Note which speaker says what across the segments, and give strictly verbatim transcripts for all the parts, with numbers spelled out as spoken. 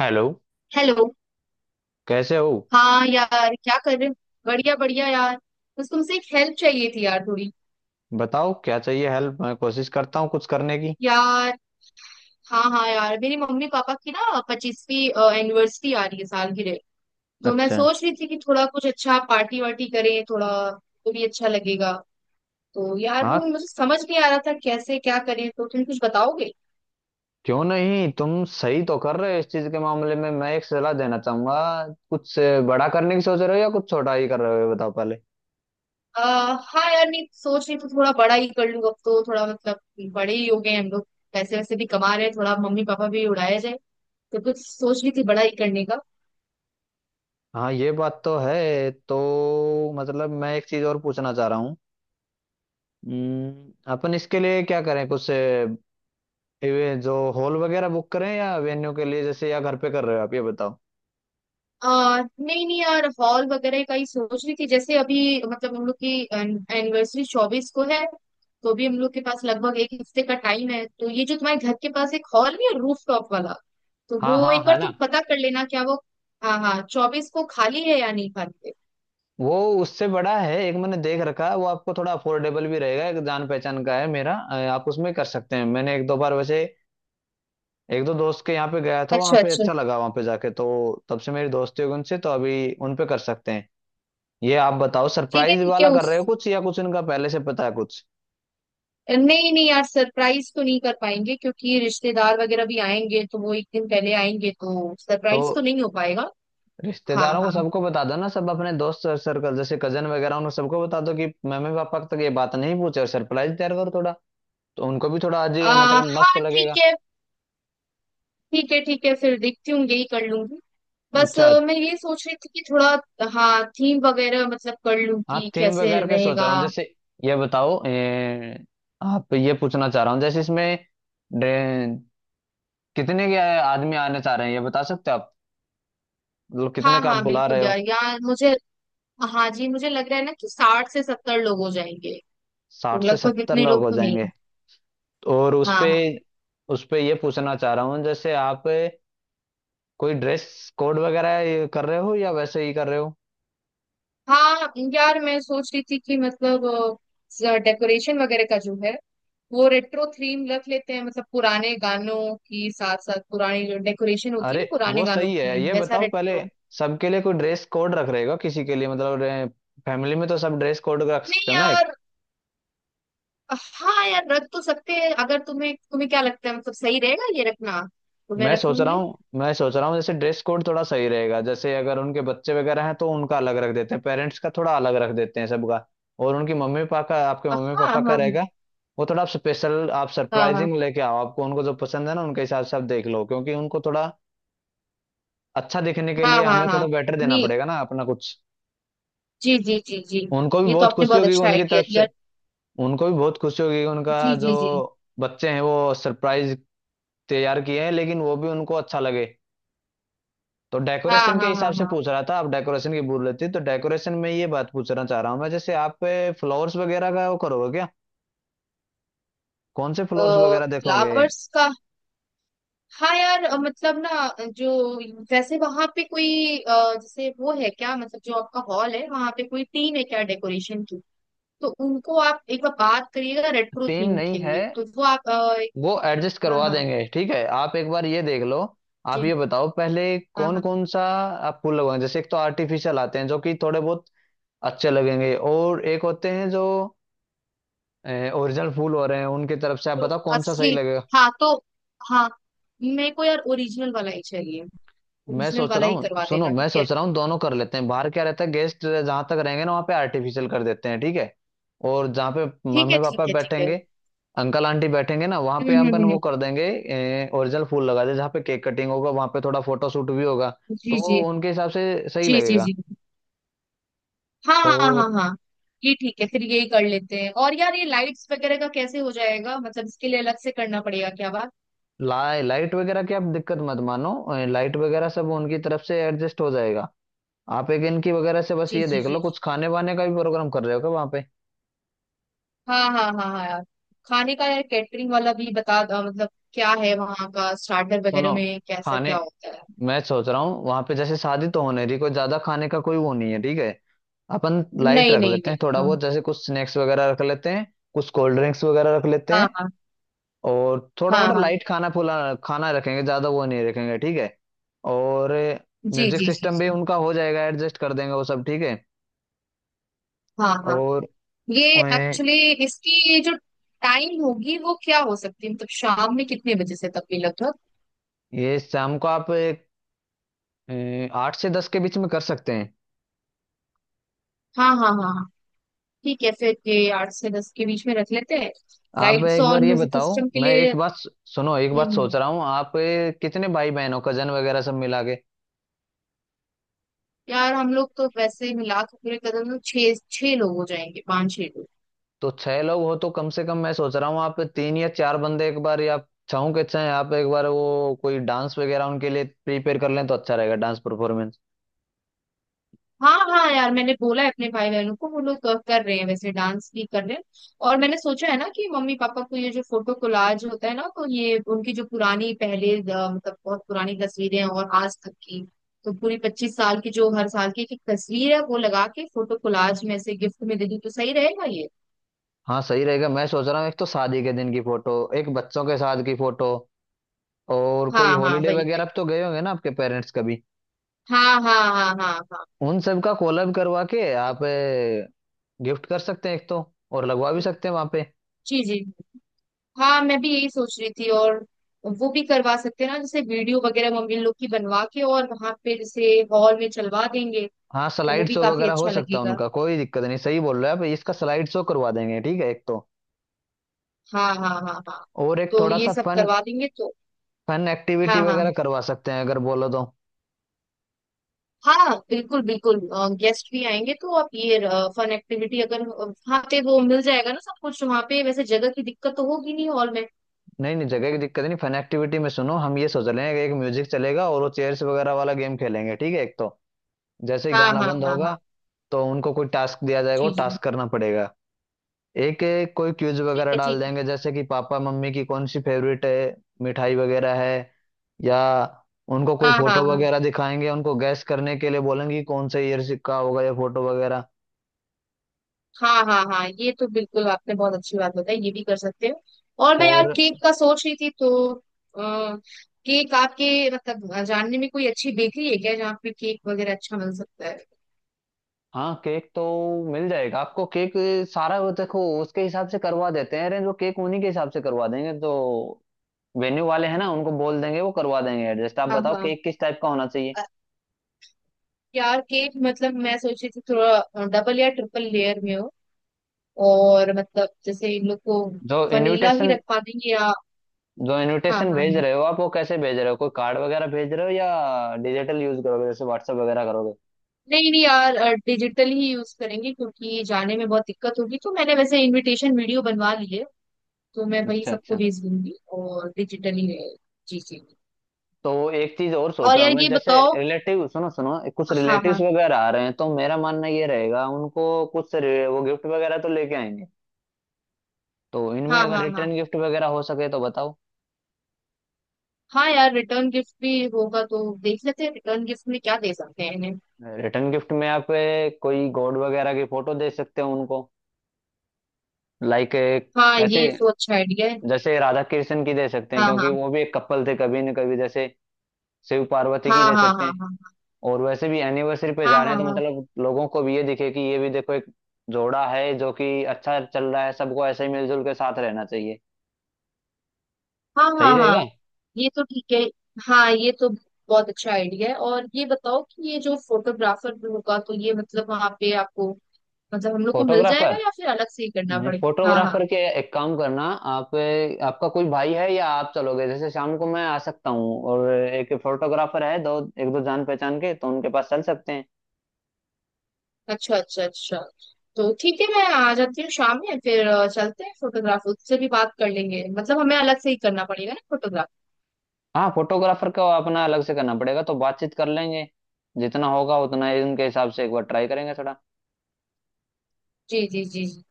Speaker 1: Hello.
Speaker 2: Hello.
Speaker 1: कैसे हो?
Speaker 2: हाँ यार, क्या कर रहे हो? बढ़िया बढ़िया यार। बस तुमसे एक हेल्प चाहिए थी यार, थोड़ी।
Speaker 1: बताओ क्या चाहिए हेल्प, मैं कोशिश करता हूँ कुछ करने की।
Speaker 2: यार, हाँ हाँ यार, मेरी मम्मी पापा की ना पच्चीसवीं एनिवर्सरी आ रही है, सालगिरह। तो मैं
Speaker 1: अच्छा।
Speaker 2: सोच रही थी कि थोड़ा कुछ अच्छा पार्टी वार्टी करें, थोड़ा तो भी अच्छा लगेगा। तो यार,
Speaker 1: हाँ,
Speaker 2: वो मुझे समझ नहीं आ रहा था कैसे क्या करें, तो तुम कुछ बताओगे?
Speaker 1: क्यों नहीं, तुम सही तो कर रहे हो इस चीज के मामले में। मैं एक सलाह देना चाहूंगा। कुछ अ, बड़ा करने की सोच रहे हो या कुछ छोटा ही कर रहे हो, ये बताओ पहले।
Speaker 2: आ, हाँ यार, नहीं, सोच रही तो थोड़ा बड़ा ही कर लूँ अब, तो थोड़ा मतलब बड़े ही हो गए हैं हम लोग। पैसे वैसे भी कमा रहे हैं, थोड़ा मम्मी पापा भी उड़ाया जाए। तो कुछ सोच रही थी बड़ा ही करने का।
Speaker 1: हाँ, ये बात तो है। तो मतलब मैं एक चीज और पूछना चाह रहा हूँ। हम्म, अपन इसके लिए क्या करें कुछ? अ, ये जो हॉल वगैरह बुक करें या वेन्यू के लिए जैसे, या घर पे कर रहे हो, आप ये बताओ।
Speaker 2: आ, नहीं नहीं यार, हॉल वगैरह का ही सोच रही थी। जैसे अभी मतलब हम लोग की एनिवर्सरी चौबीस को है, तो भी हम लोग के पास लगभग एक हफ्ते का टाइम है। तो ये जो तुम्हारे घर के पास एक हॉल नहीं है रूफ टॉप वाला, तो
Speaker 1: हाँ
Speaker 2: वो
Speaker 1: हाँ,
Speaker 2: एक
Speaker 1: है
Speaker 2: बार
Speaker 1: ना।
Speaker 2: तुम पता कर लेना क्या वो। हाँ हाँ, चौबीस को खाली है या नहीं खाली है।
Speaker 1: वो उससे बड़ा है एक मैंने देख रखा है, वो आपको थोड़ा अफोर्डेबल भी रहेगा। एक जान पहचान का है मेरा, अ, आप उसमें कर सकते हैं। मैंने एक दो बार वैसे एक दो दोस्त के यहाँ पे गया था, वहाँ
Speaker 2: अच्छा
Speaker 1: पे
Speaker 2: अच्छा।
Speaker 1: अच्छा लगा वहाँ पे जाके, तो तब से मेरी दोस्ती हो गई उनसे, तो अभी उन पे कर सकते हैं। ये आप बताओ,
Speaker 2: ठीक है
Speaker 1: सरप्राइज
Speaker 2: ठीक है।
Speaker 1: वाला कर
Speaker 2: उस,
Speaker 1: रहे हो कुछ, या कुछ इनका पहले से पता है कुछ?
Speaker 2: नहीं नहीं यार, सरप्राइज तो नहीं कर पाएंगे, क्योंकि रिश्तेदार वगैरह भी आएंगे तो वो एक दिन पहले आएंगे, तो
Speaker 1: तो
Speaker 2: सरप्राइज तो नहीं हो पाएगा। हाँ
Speaker 1: रिश्तेदारों को
Speaker 2: हाँ।
Speaker 1: सबको बता दो ना, सब अपने दोस्त सर्कल, जैसे कजन वगैरह उनको सबको बता दो कि मम्मी पापा तक ये बात नहीं पूछे, और सरप्राइज तैयार करो थोड़ा। तो उनको भी थोड़ा
Speaker 2: आ,
Speaker 1: अजीब, मतलब मस्त
Speaker 2: हाँ
Speaker 1: लगेगा।
Speaker 2: ठीक है। ठीक है ठीक है फिर, देखती हूँ, यही कर लूंगी। बस
Speaker 1: अच्छा।
Speaker 2: अ, मैं ये सोच रही थी कि थोड़ा, हाँ, थीम वगैरह मतलब कर लूँ
Speaker 1: हाँ,
Speaker 2: कि
Speaker 1: थीम
Speaker 2: कैसे
Speaker 1: वगैरह के सोच
Speaker 2: रहेगा।
Speaker 1: रहा हूँ जैसे। ये बताओ ए, आप, ये पूछना चाह रहा हूँ जैसे इसमें डे- कितने के आदमी आने चाह रहे हैं ये बता सकते हो आप? मतलब कितने
Speaker 2: हाँ
Speaker 1: का आप
Speaker 2: हाँ
Speaker 1: बुला रहे
Speaker 2: बिल्कुल
Speaker 1: हो?
Speaker 2: यार, यार मुझे, हाँ जी, मुझे लग रहा है ना कि साठ से सत्तर लोग हो जाएंगे। तो
Speaker 1: साठ से
Speaker 2: लगभग
Speaker 1: सत्तर
Speaker 2: इतने
Speaker 1: लोग
Speaker 2: लोग
Speaker 1: हो
Speaker 2: तो नहीं।
Speaker 1: जाएंगे और उसपे
Speaker 2: हाँ
Speaker 1: उसपे ये पूछना चाह रहा हूँ जैसे आप कोई ड्रेस कोड वगैरह ये कर रहे हो या वैसे ही कर रहे हो?
Speaker 2: हाँ हाँ यार, मैं सोच रही थी कि मतलब डेकोरेशन वगैरह का जो है, वो रेट्रो थीम रख लेते हैं। मतलब पुराने गानों की, साथ साथ पुरानी जो डेकोरेशन होती है
Speaker 1: अरे
Speaker 2: ना पुराने
Speaker 1: वो
Speaker 2: गानों
Speaker 1: सही है।
Speaker 2: की,
Speaker 1: ये
Speaker 2: वैसा
Speaker 1: बताओ पहले,
Speaker 2: रेट्रो।
Speaker 1: सबके लिए कोई ड्रेस कोड रख रहेगा किसी के लिए, मतलब फैमिली में तो सब ड्रेस कोड रख
Speaker 2: नहीं
Speaker 1: सकते हो ना एक।
Speaker 2: यार, हाँ यार, रख तो सकते हैं। अगर तुम्हें तुम्हें क्या लगता है मतलब सही रहेगा ये रखना, तो मैं
Speaker 1: मैं
Speaker 2: रख
Speaker 1: सोच रहा
Speaker 2: लूंगी।
Speaker 1: हूँ, मैं सोच रहा हूँ जैसे ड्रेस कोड थोड़ा सही रहेगा, जैसे अगर उनके बच्चे वगैरह हैं तो उनका अलग रख देते हैं, पेरेंट्स का थोड़ा अलग रख देते हैं सबका, और उनकी मम्मी पापा का, आपके
Speaker 2: हाँ
Speaker 1: मम्मी
Speaker 2: हाँ
Speaker 1: पापा का
Speaker 2: हाँ
Speaker 1: रहेगा। वो थोड़ा आप स्पेशल, आप
Speaker 2: हाँ हाँ
Speaker 1: सरप्राइजिंग लेके आओ, आपको उनको जो पसंद है ना उनके हिसाब से आप देख लो, क्योंकि उनको थोड़ा अच्छा दिखने के
Speaker 2: हाँ
Speaker 1: लिए
Speaker 2: हाँ
Speaker 1: हमें
Speaker 2: हाँ।
Speaker 1: थोड़ा बेटर देना
Speaker 2: नहीं,
Speaker 1: पड़ेगा ना अपना कुछ।
Speaker 2: जी जी जी जी,
Speaker 1: उनको भी
Speaker 2: ये तो
Speaker 1: बहुत
Speaker 2: आपने
Speaker 1: खुशी
Speaker 2: बहुत
Speaker 1: होगी
Speaker 2: अच्छा
Speaker 1: उनकी
Speaker 2: आइडिया
Speaker 1: तरफ से।
Speaker 2: दिया।
Speaker 1: उनको भी बहुत खुशी होगी कि उनका
Speaker 2: जी
Speaker 1: जो
Speaker 2: जी जी।
Speaker 1: बच्चे हैं वो सरप्राइज तैयार किए हैं, लेकिन वो भी उनको अच्छा लगे। तो
Speaker 2: हाँ
Speaker 1: डेकोरेशन के
Speaker 2: हाँ
Speaker 1: हिसाब
Speaker 2: हाँ
Speaker 1: से
Speaker 2: हाँ।
Speaker 1: पूछ रहा था, आप डेकोरेशन की बोल रहे थे, तो डेकोरेशन में ये बात पूछना चाह रहा हूँ मैं जैसे आप फ्लावर्स वगैरह का वो करोगे क्या? कौन से फ्लावर्स वगैरह देखोगे?
Speaker 2: फ्लावर्स का हाँ यार, अ, मतलब ना, जो वैसे वहां पे कोई अ, जैसे वो है क्या, मतलब जो आपका हॉल है वहां पे कोई टीम है क्या डेकोरेशन की, तो उनको आप एक बार बात करिएगा रेट्रो
Speaker 1: टीम
Speaker 2: थीम
Speaker 1: नहीं
Speaker 2: के
Speaker 1: है,
Speaker 2: लिए, तो वो आप अ,
Speaker 1: वो एडजस्ट
Speaker 2: हाँ
Speaker 1: करवा
Speaker 2: हाँ
Speaker 1: देंगे, ठीक है। आप एक बार ये देख लो। आप
Speaker 2: जी,
Speaker 1: ये बताओ पहले,
Speaker 2: हाँ
Speaker 1: कौन
Speaker 2: हाँ।
Speaker 1: कौन सा आप फूल लगवाएंगे? जैसे एक तो आर्टिफिशियल आते हैं जो कि थोड़े बहुत अच्छे लगेंगे, और एक होते हैं जो ओरिजिनल फूल हो रहे हैं उनकी तरफ से, आप
Speaker 2: जो
Speaker 1: बताओ कौन सा सही
Speaker 2: असली,
Speaker 1: लगेगा।
Speaker 2: हाँ तो, हाँ, मेरे को यार ओरिजिनल वाला ही चाहिए।
Speaker 1: मैं
Speaker 2: ओरिजिनल
Speaker 1: सोच
Speaker 2: वाला
Speaker 1: रहा
Speaker 2: ही
Speaker 1: हूँ,
Speaker 2: करवा
Speaker 1: सुनो,
Speaker 2: देना
Speaker 1: मैं
Speaker 2: ठीक है।
Speaker 1: सोच रहा हूँ दोनों कर लेते हैं। बाहर क्या रहता है, गेस्ट जहां तक रहेंगे ना वहां पे आर्टिफिशियल कर देते हैं, ठीक है। और जहाँ पे
Speaker 2: ठीक है
Speaker 1: मम्मी
Speaker 2: ठीक
Speaker 1: पापा
Speaker 2: है ठीक है।
Speaker 1: बैठेंगे, अंकल आंटी बैठेंगे ना वहां
Speaker 2: हम्म
Speaker 1: पे
Speaker 2: हम्म
Speaker 1: अपन
Speaker 2: हम्म
Speaker 1: वो
Speaker 2: हम्म।
Speaker 1: कर देंगे, ओरिजिनल फूल लगा दे। जहाँ पे केक कटिंग होगा वहां पे थोड़ा फोटो शूट भी होगा तो
Speaker 2: जी जी
Speaker 1: उनके हिसाब से सही
Speaker 2: जी जी।
Speaker 1: लगेगा।
Speaker 2: जी, हाँ हाँ हाँ
Speaker 1: और
Speaker 2: हाँ हाँ। ये ठीक है, फिर यही कर लेते हैं। और यार, ये लाइट्स वगैरह का कैसे हो जाएगा, मतलब इसके लिए अलग से करना पड़ेगा क्या बात।
Speaker 1: ला लाइट वगैरह की आप दिक्कत मत मानो, लाइट वगैरह सब उनकी तरफ से एडजस्ट हो जाएगा। आप एक इनकी वगैरह से बस
Speaker 2: जी
Speaker 1: ये
Speaker 2: जी
Speaker 1: देख
Speaker 2: जी
Speaker 1: लो,
Speaker 2: जी।
Speaker 1: कुछ खाने वाने का भी प्रोग्राम कर रहे हो क्या वहां पे?
Speaker 2: हाँ हाँ हाँ हाँ यार, खाने का यार कैटरिंग वाला भी बता दो, मतलब क्या है वहाँ का, स्टार्टर
Speaker 1: सुनो,
Speaker 2: वगैरह में कैसा क्या
Speaker 1: खाने
Speaker 2: होता है।
Speaker 1: मैं सोच रहा हूँ वहां पे जैसे शादी तो होने रही कोई, ज्यादा खाने का कोई वो नहीं है, ठीक है। अपन लाइट
Speaker 2: नहीं
Speaker 1: रख
Speaker 2: नहीं
Speaker 1: लेते
Speaker 2: नहीं।
Speaker 1: हैं थोड़ा
Speaker 2: हाँ
Speaker 1: बहुत, जैसे कुछ स्नैक्स वगैरह रख लेते हैं, कुछ कोल्ड ड्रिंक्स वगैरह रख लेते हैं,
Speaker 2: हाँ
Speaker 1: और थोड़ा
Speaker 2: हाँ हाँ
Speaker 1: मोटा
Speaker 2: हाँ।
Speaker 1: लाइट खाना, फुला खाना रखेंगे, ज्यादा वो नहीं रखेंगे, ठीक है। और
Speaker 2: जी
Speaker 1: म्यूजिक
Speaker 2: जी जी
Speaker 1: सिस्टम भी
Speaker 2: जी।
Speaker 1: उनका हो जाएगा, एडजस्ट कर देंगे वो सब, ठीक है।
Speaker 2: हाँ हाँ,
Speaker 1: और
Speaker 2: ये
Speaker 1: अ,
Speaker 2: एक्चुअली इसकी ये जो टाइम होगी वो क्या हो सकती है, मतलब शाम में कितने बजे से तक भी लगभग।
Speaker 1: ये शाम को आप अ, आठ से दस के बीच में कर सकते हैं।
Speaker 2: हाँ हाँ हाँ हाँ। ठीक है, फिर ये आठ से दस के बीच में रख लेते हैं
Speaker 1: आप
Speaker 2: लाइट्स
Speaker 1: एक
Speaker 2: और
Speaker 1: बार ये
Speaker 2: म्यूजिक
Speaker 1: बताओ,
Speaker 2: सिस्टम के
Speaker 1: मैं
Speaker 2: लिए।
Speaker 1: एक बात सु- सुनो, एक बात
Speaker 2: हम्म
Speaker 1: सोच
Speaker 2: हम्म।
Speaker 1: रहा हूँ आप, ए, कितने भाई बहन हो कजन वगैरह सब मिला के?
Speaker 2: यार हम लोग तो वैसे मिला के पूरे कदम तो छह छह लोग हो जाएंगे, पांच छह लोग।
Speaker 1: तो छह लोग हो तो कम से कम मैं सोच रहा हूँ आप तीन या चार बंदे एक बार, या छहों के छह आप एक बार वो कोई डांस वगैरह उनके लिए प्रिपेयर कर लें तो अच्छा रहेगा, डांस परफॉर्मेंस।
Speaker 2: हाँ हाँ यार, मैंने बोला है अपने भाई बहनों को, वो लोग अ, कर रहे हैं, वैसे डांस भी कर रहे हैं। और मैंने सोचा है ना कि मम्मी पापा को ये जो फोटो कोलाज होता है ना, तो ये उनकी जो पुरानी पहले अ, मतलब बहुत पुरानी तस्वीरें और आज तक की, तो पूरी पच्चीस साल की जो हर साल की एक एक तस्वीर है, वो लगा के फोटो कोलाज में से गिफ्ट में दे दूं तो सही रहेगा ये।
Speaker 1: हाँ सही रहेगा। मैं सोच रहा हूँ एक तो शादी के दिन की फोटो, एक बच्चों के साथ की फोटो, और कोई
Speaker 2: हाँ हाँ,
Speaker 1: हॉलीडे
Speaker 2: वही
Speaker 1: वगैरह
Speaker 2: वही।
Speaker 1: पे तो गए होंगे ना आपके पेरेंट्स कभी,
Speaker 2: हाँ हाँ हाँ हाँ हाँ।
Speaker 1: उन सब का कोलैब करवा के आप गिफ्ट कर सकते हैं एक तो, और लगवा भी सकते हैं वहां पे।
Speaker 2: जी जी। हाँ, मैं भी यही सोच रही थी। और वो भी करवा सकते हैं ना, जैसे वीडियो वगैरह मम्मी लोग की बनवा के और वहां पे जैसे हॉल में चलवा देंगे,
Speaker 1: हाँ
Speaker 2: तो वो
Speaker 1: स्लाइड
Speaker 2: भी
Speaker 1: शो
Speaker 2: काफी
Speaker 1: वगैरह हो
Speaker 2: अच्छा
Speaker 1: सकता है,
Speaker 2: लगेगा।
Speaker 1: उनका कोई दिक्कत नहीं, सही बोल रहे हो आप, इसका स्लाइड शो करवा देंगे, ठीक है एक तो।
Speaker 2: हाँ हाँ हाँ हाँ।
Speaker 1: और एक
Speaker 2: तो
Speaker 1: थोड़ा
Speaker 2: ये
Speaker 1: सा
Speaker 2: सब
Speaker 1: फन,
Speaker 2: करवा देंगे, तो
Speaker 1: फन एक्टिविटी
Speaker 2: हाँ हाँ,
Speaker 1: वगैरह करवा सकते हैं अगर बोलो तो।
Speaker 2: हाँ बिल्कुल बिल्कुल। गेस्ट भी आएंगे तो आप ये फन एक्टिविटी अगर वहाँ पे वो मिल जाएगा ना, सब कुछ वहाँ पे, वैसे जगह की दिक्कत तो होगी नहीं हॉल में।
Speaker 1: नहीं नहीं, जगह की दिक्कत नहीं। फन एक्टिविटी में सुनो, हम ये सोच रहे हैं कि एक म्यूजिक चलेगा और वो चेयर्स वगैरह वाला गेम खेलेंगे, ठीक है एक तो। जैसे ही
Speaker 2: हाँ
Speaker 1: गाना
Speaker 2: हाँ
Speaker 1: बंद
Speaker 2: हाँ हाँ।
Speaker 1: होगा तो उनको कोई टास्क दिया जाएगा, वो
Speaker 2: जी जी,
Speaker 1: टास्क करना पड़ेगा। एक एक कोई क्यूज
Speaker 2: ठीक
Speaker 1: वगैरह
Speaker 2: है
Speaker 1: डाल
Speaker 2: ठीक है।
Speaker 1: देंगे, जैसे कि पापा मम्मी की कौन सी फेवरेट है मिठाई वगैरह है, या उनको कोई
Speaker 2: हाँ हाँ
Speaker 1: फोटो
Speaker 2: हाँ
Speaker 1: वगैरह दिखाएंगे उनको गैस करने के लिए बोलेंगे कि कौन से ईयर का होगा या फोटो वगैरह।
Speaker 2: हाँ हाँ हाँ, ये तो बिल्कुल आपने बहुत अच्छी बात बताई, ये भी कर सकते हो। और मैं यार,
Speaker 1: और
Speaker 2: केक का सोच रही थी तो आ, केक आपके मतलब जानने में कोई अच्छी बेकरी है क्या जहाँ पे केक वगैरह अच्छा मिल सकता है।
Speaker 1: हाँ, केक तो मिल जाएगा आपको, केक सारा वो देखो, उसके हिसाब से करवा देते हैं अरेंज, वो केक उन्हीं के हिसाब से करवा देंगे तो। वेन्यू वाले हैं ना, उनको बोल देंगे, वो करवा देंगे एडजस्ट। आप
Speaker 2: हाँ
Speaker 1: बताओ
Speaker 2: हाँ।
Speaker 1: केक किस टाइप का होना चाहिए।
Speaker 2: अ, यार केक मतलब मैं सोच रही थी थोड़ा डबल या ट्रिपल लेयर में हो, और मतलब जैसे इन लोग को
Speaker 1: जो
Speaker 2: वनीला ही
Speaker 1: इनविटेशन
Speaker 2: रखवा देंगे या,
Speaker 1: जो
Speaker 2: हाँ
Speaker 1: इनविटेशन
Speaker 2: हाँ।
Speaker 1: भेज रहे हो आप, वो कैसे भेज रहे हो? कोई कार्ड वगैरह भेज रहे हो या डिजिटल यूज करोगे जैसे व्हाट्सएप वगैरह करोगे?
Speaker 2: नहीं नहीं यार, डिजिटल ही यूज करेंगे, क्योंकि जाने में बहुत दिक्कत होगी, तो मैंने वैसे इनविटेशन वीडियो बनवा ली है, तो मैं वही
Speaker 1: अच्छा
Speaker 2: सबको
Speaker 1: अच्छा।
Speaker 2: भेज दूंगी और डिजिटली। जी जी।
Speaker 1: तो एक चीज और सोच
Speaker 2: और
Speaker 1: रहा
Speaker 2: यार
Speaker 1: हूँ मैं,
Speaker 2: ये
Speaker 1: जैसे
Speaker 2: बताओ,
Speaker 1: रिलेटिव सुनो सुनो, कुछ
Speaker 2: हाँ
Speaker 1: रिलेटिव्स
Speaker 2: हाँ
Speaker 1: वगैरह आ रहे हैं तो मेरा मानना ये रहेगा, उनको कुछ रे- वो गिफ्ट वगैरह तो लेके आएंगे, तो इनमें
Speaker 2: हाँ
Speaker 1: अगर
Speaker 2: हाँ। हाँ
Speaker 1: रिटर्न गिफ्ट वगैरह हो सके तो बताओ।
Speaker 2: हाँ यार, रिटर्न गिफ्ट भी होगा तो देख लेते हैं, रिटर्न गिफ्ट में क्या दे सकते हैं इन्हें।
Speaker 1: रिटर्न गिफ्ट में आप, ए, कोई गॉड वगैरह की फोटो दे सकते हो उनको, लाइक
Speaker 2: हाँ
Speaker 1: ऐसे,
Speaker 2: ये तो अच्छा आइडिया है।
Speaker 1: जैसे राधा कृष्ण की दे सकते हैं,
Speaker 2: हाँ
Speaker 1: क्योंकि
Speaker 2: हाँ
Speaker 1: वो भी एक कपल थे कभी न कभी। जैसे शिव पार्वती की
Speaker 2: हाँ
Speaker 1: दे
Speaker 2: हाँ
Speaker 1: सकते हैं।
Speaker 2: हाँ
Speaker 1: और वैसे भी एनिवर्सरी पे
Speaker 2: हाँ
Speaker 1: जा रहे
Speaker 2: हाँ
Speaker 1: हैं
Speaker 2: हाँ
Speaker 1: तो
Speaker 2: हाँ
Speaker 1: मतलब लोगों को भी ये दिखे कि ये भी देखो एक जोड़ा है जो कि अच्छा चल रहा है, सबको ऐसे ही मिलजुल के साथ रहना चाहिए,
Speaker 2: हाँ हाँ
Speaker 1: सही
Speaker 2: हाँ।
Speaker 1: रहेगा।
Speaker 2: ये तो ठीक है। हाँ, ये तो बहुत अच्छा आइडिया है। और ये बताओ कि ये जो फोटोग्राफर होगा तो ये मतलब वहाँ पे आपको, मतलब हम लोग को मिल जाएगा
Speaker 1: फोटोग्राफर
Speaker 2: या फिर अलग से ही करना पड़ेगा? हाँ हाँ।
Speaker 1: फोटोग्राफर के एक काम करना, आप, आपका कोई भाई है या आप चलोगे, जैसे शाम को मैं आ सकता हूँ और एक फोटोग्राफर है, दो, एक दो जान पहचान के, तो उनके पास चल सकते हैं।
Speaker 2: अच्छा अच्छा अच्छा, तो ठीक है मैं आ जाती हूँ शाम में, फिर अ, चलते हैं, फोटोग्राफर उससे भी बात कर लेंगे, मतलब हमें अलग से ही करना पड़ेगा ना फोटोग्राफ।
Speaker 1: हाँ, फोटोग्राफर को अपना अलग से करना पड़ेगा, तो बातचीत कर लेंगे, जितना होगा उतना ही उनके हिसाब से एक बार ट्राई करेंगे थोड़ा।
Speaker 2: जी जी जी जी।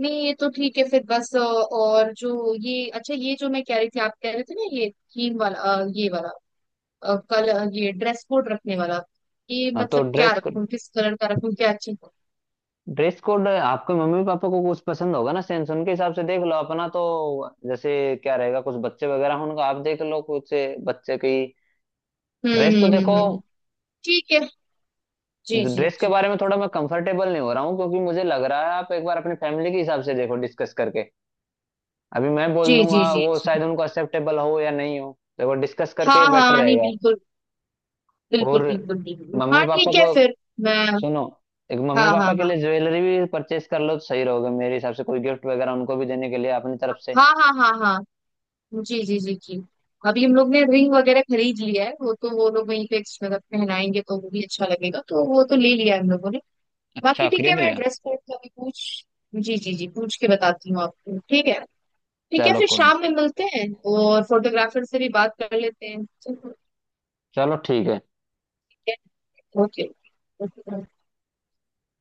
Speaker 2: नहीं ये तो ठीक है। फिर बस अ, और जो ये अच्छा, ये जो मैं कह रही थी, आप कह रहे थे ना, ये थीम वाला अ, ये वाला, अ, कल अ, ये ड्रेस कोड रखने वाला, ये
Speaker 1: हाँ तो
Speaker 2: मतलब क्या
Speaker 1: ड्रेस
Speaker 2: रखूं, किस कलर का रखूं क्या अच्छा।
Speaker 1: ड्रेस कोड आपके मम्मी पापा को कुछ पसंद होगा ना सेंस, उनके हिसाब से देख लो अपना तो, जैसे क्या रहेगा। कुछ बच्चे वगैरह हों, उनका आप देख लो कुछ, बच्चे की
Speaker 2: हम्म
Speaker 1: ड्रेस तो
Speaker 2: हम्म हम्म
Speaker 1: देखो।
Speaker 2: हम्म, हम्म। ठीक है। जी जी
Speaker 1: ड्रेस के
Speaker 2: जी
Speaker 1: बारे में थोड़ा मैं कंफर्टेबल नहीं हो रहा हूँ क्योंकि मुझे लग रहा है आप एक बार अपनी फैमिली के हिसाब से देखो डिस्कस करके, अभी मैं बोल
Speaker 2: जी
Speaker 1: दूंगा
Speaker 2: जी जी
Speaker 1: वो
Speaker 2: जी।
Speaker 1: शायद उनको एक्सेप्टेबल हो या नहीं हो, देखो डिस्कस करके
Speaker 2: हाँ
Speaker 1: बेटर
Speaker 2: हाँ, नहीं
Speaker 1: रहेगा।
Speaker 2: बिल्कुल, बिल्कुल
Speaker 1: और
Speaker 2: बिल्कुल बिल्कुल
Speaker 1: मम्मी
Speaker 2: हाँ
Speaker 1: पापा
Speaker 2: ठीक है
Speaker 1: को
Speaker 2: फिर मैं,
Speaker 1: सुनो, एक,
Speaker 2: हाँ
Speaker 1: मम्मी
Speaker 2: हाँ
Speaker 1: पापा के
Speaker 2: हाँ
Speaker 1: लिए ज्वेलरी भी परचेज कर लो तो सही रहोगे मेरे हिसाब से, कोई गिफ्ट वगैरह उनको भी देने के लिए अपनी तरफ से।
Speaker 2: हाँ हाँ हाँ हाँ। जी जी जी जी। अभी हम लोग ने रिंग वगैरह खरीद लिया है, वो तो वो लोग वहीं पे मतलब पहनाएंगे तो वो भी अच्छा लगेगा, तो वो तो ले लिया है हम लोगों ने। बाकी
Speaker 1: अच्छा,
Speaker 2: ठीक है,
Speaker 1: खरीद
Speaker 2: मैं
Speaker 1: लिया।
Speaker 2: ड्रेस कोड का भी पूछ, जी जी जी, पूछ के बताती हूँ आपको ठीक है। ठीक है,
Speaker 1: चलो
Speaker 2: फिर
Speaker 1: कोई नहीं।
Speaker 2: शाम में मिलते हैं और फोटोग्राफर से भी बात कर लेते हैं, चलो,
Speaker 1: चलो ठीक है।
Speaker 2: ठीक है। ओके। ओके।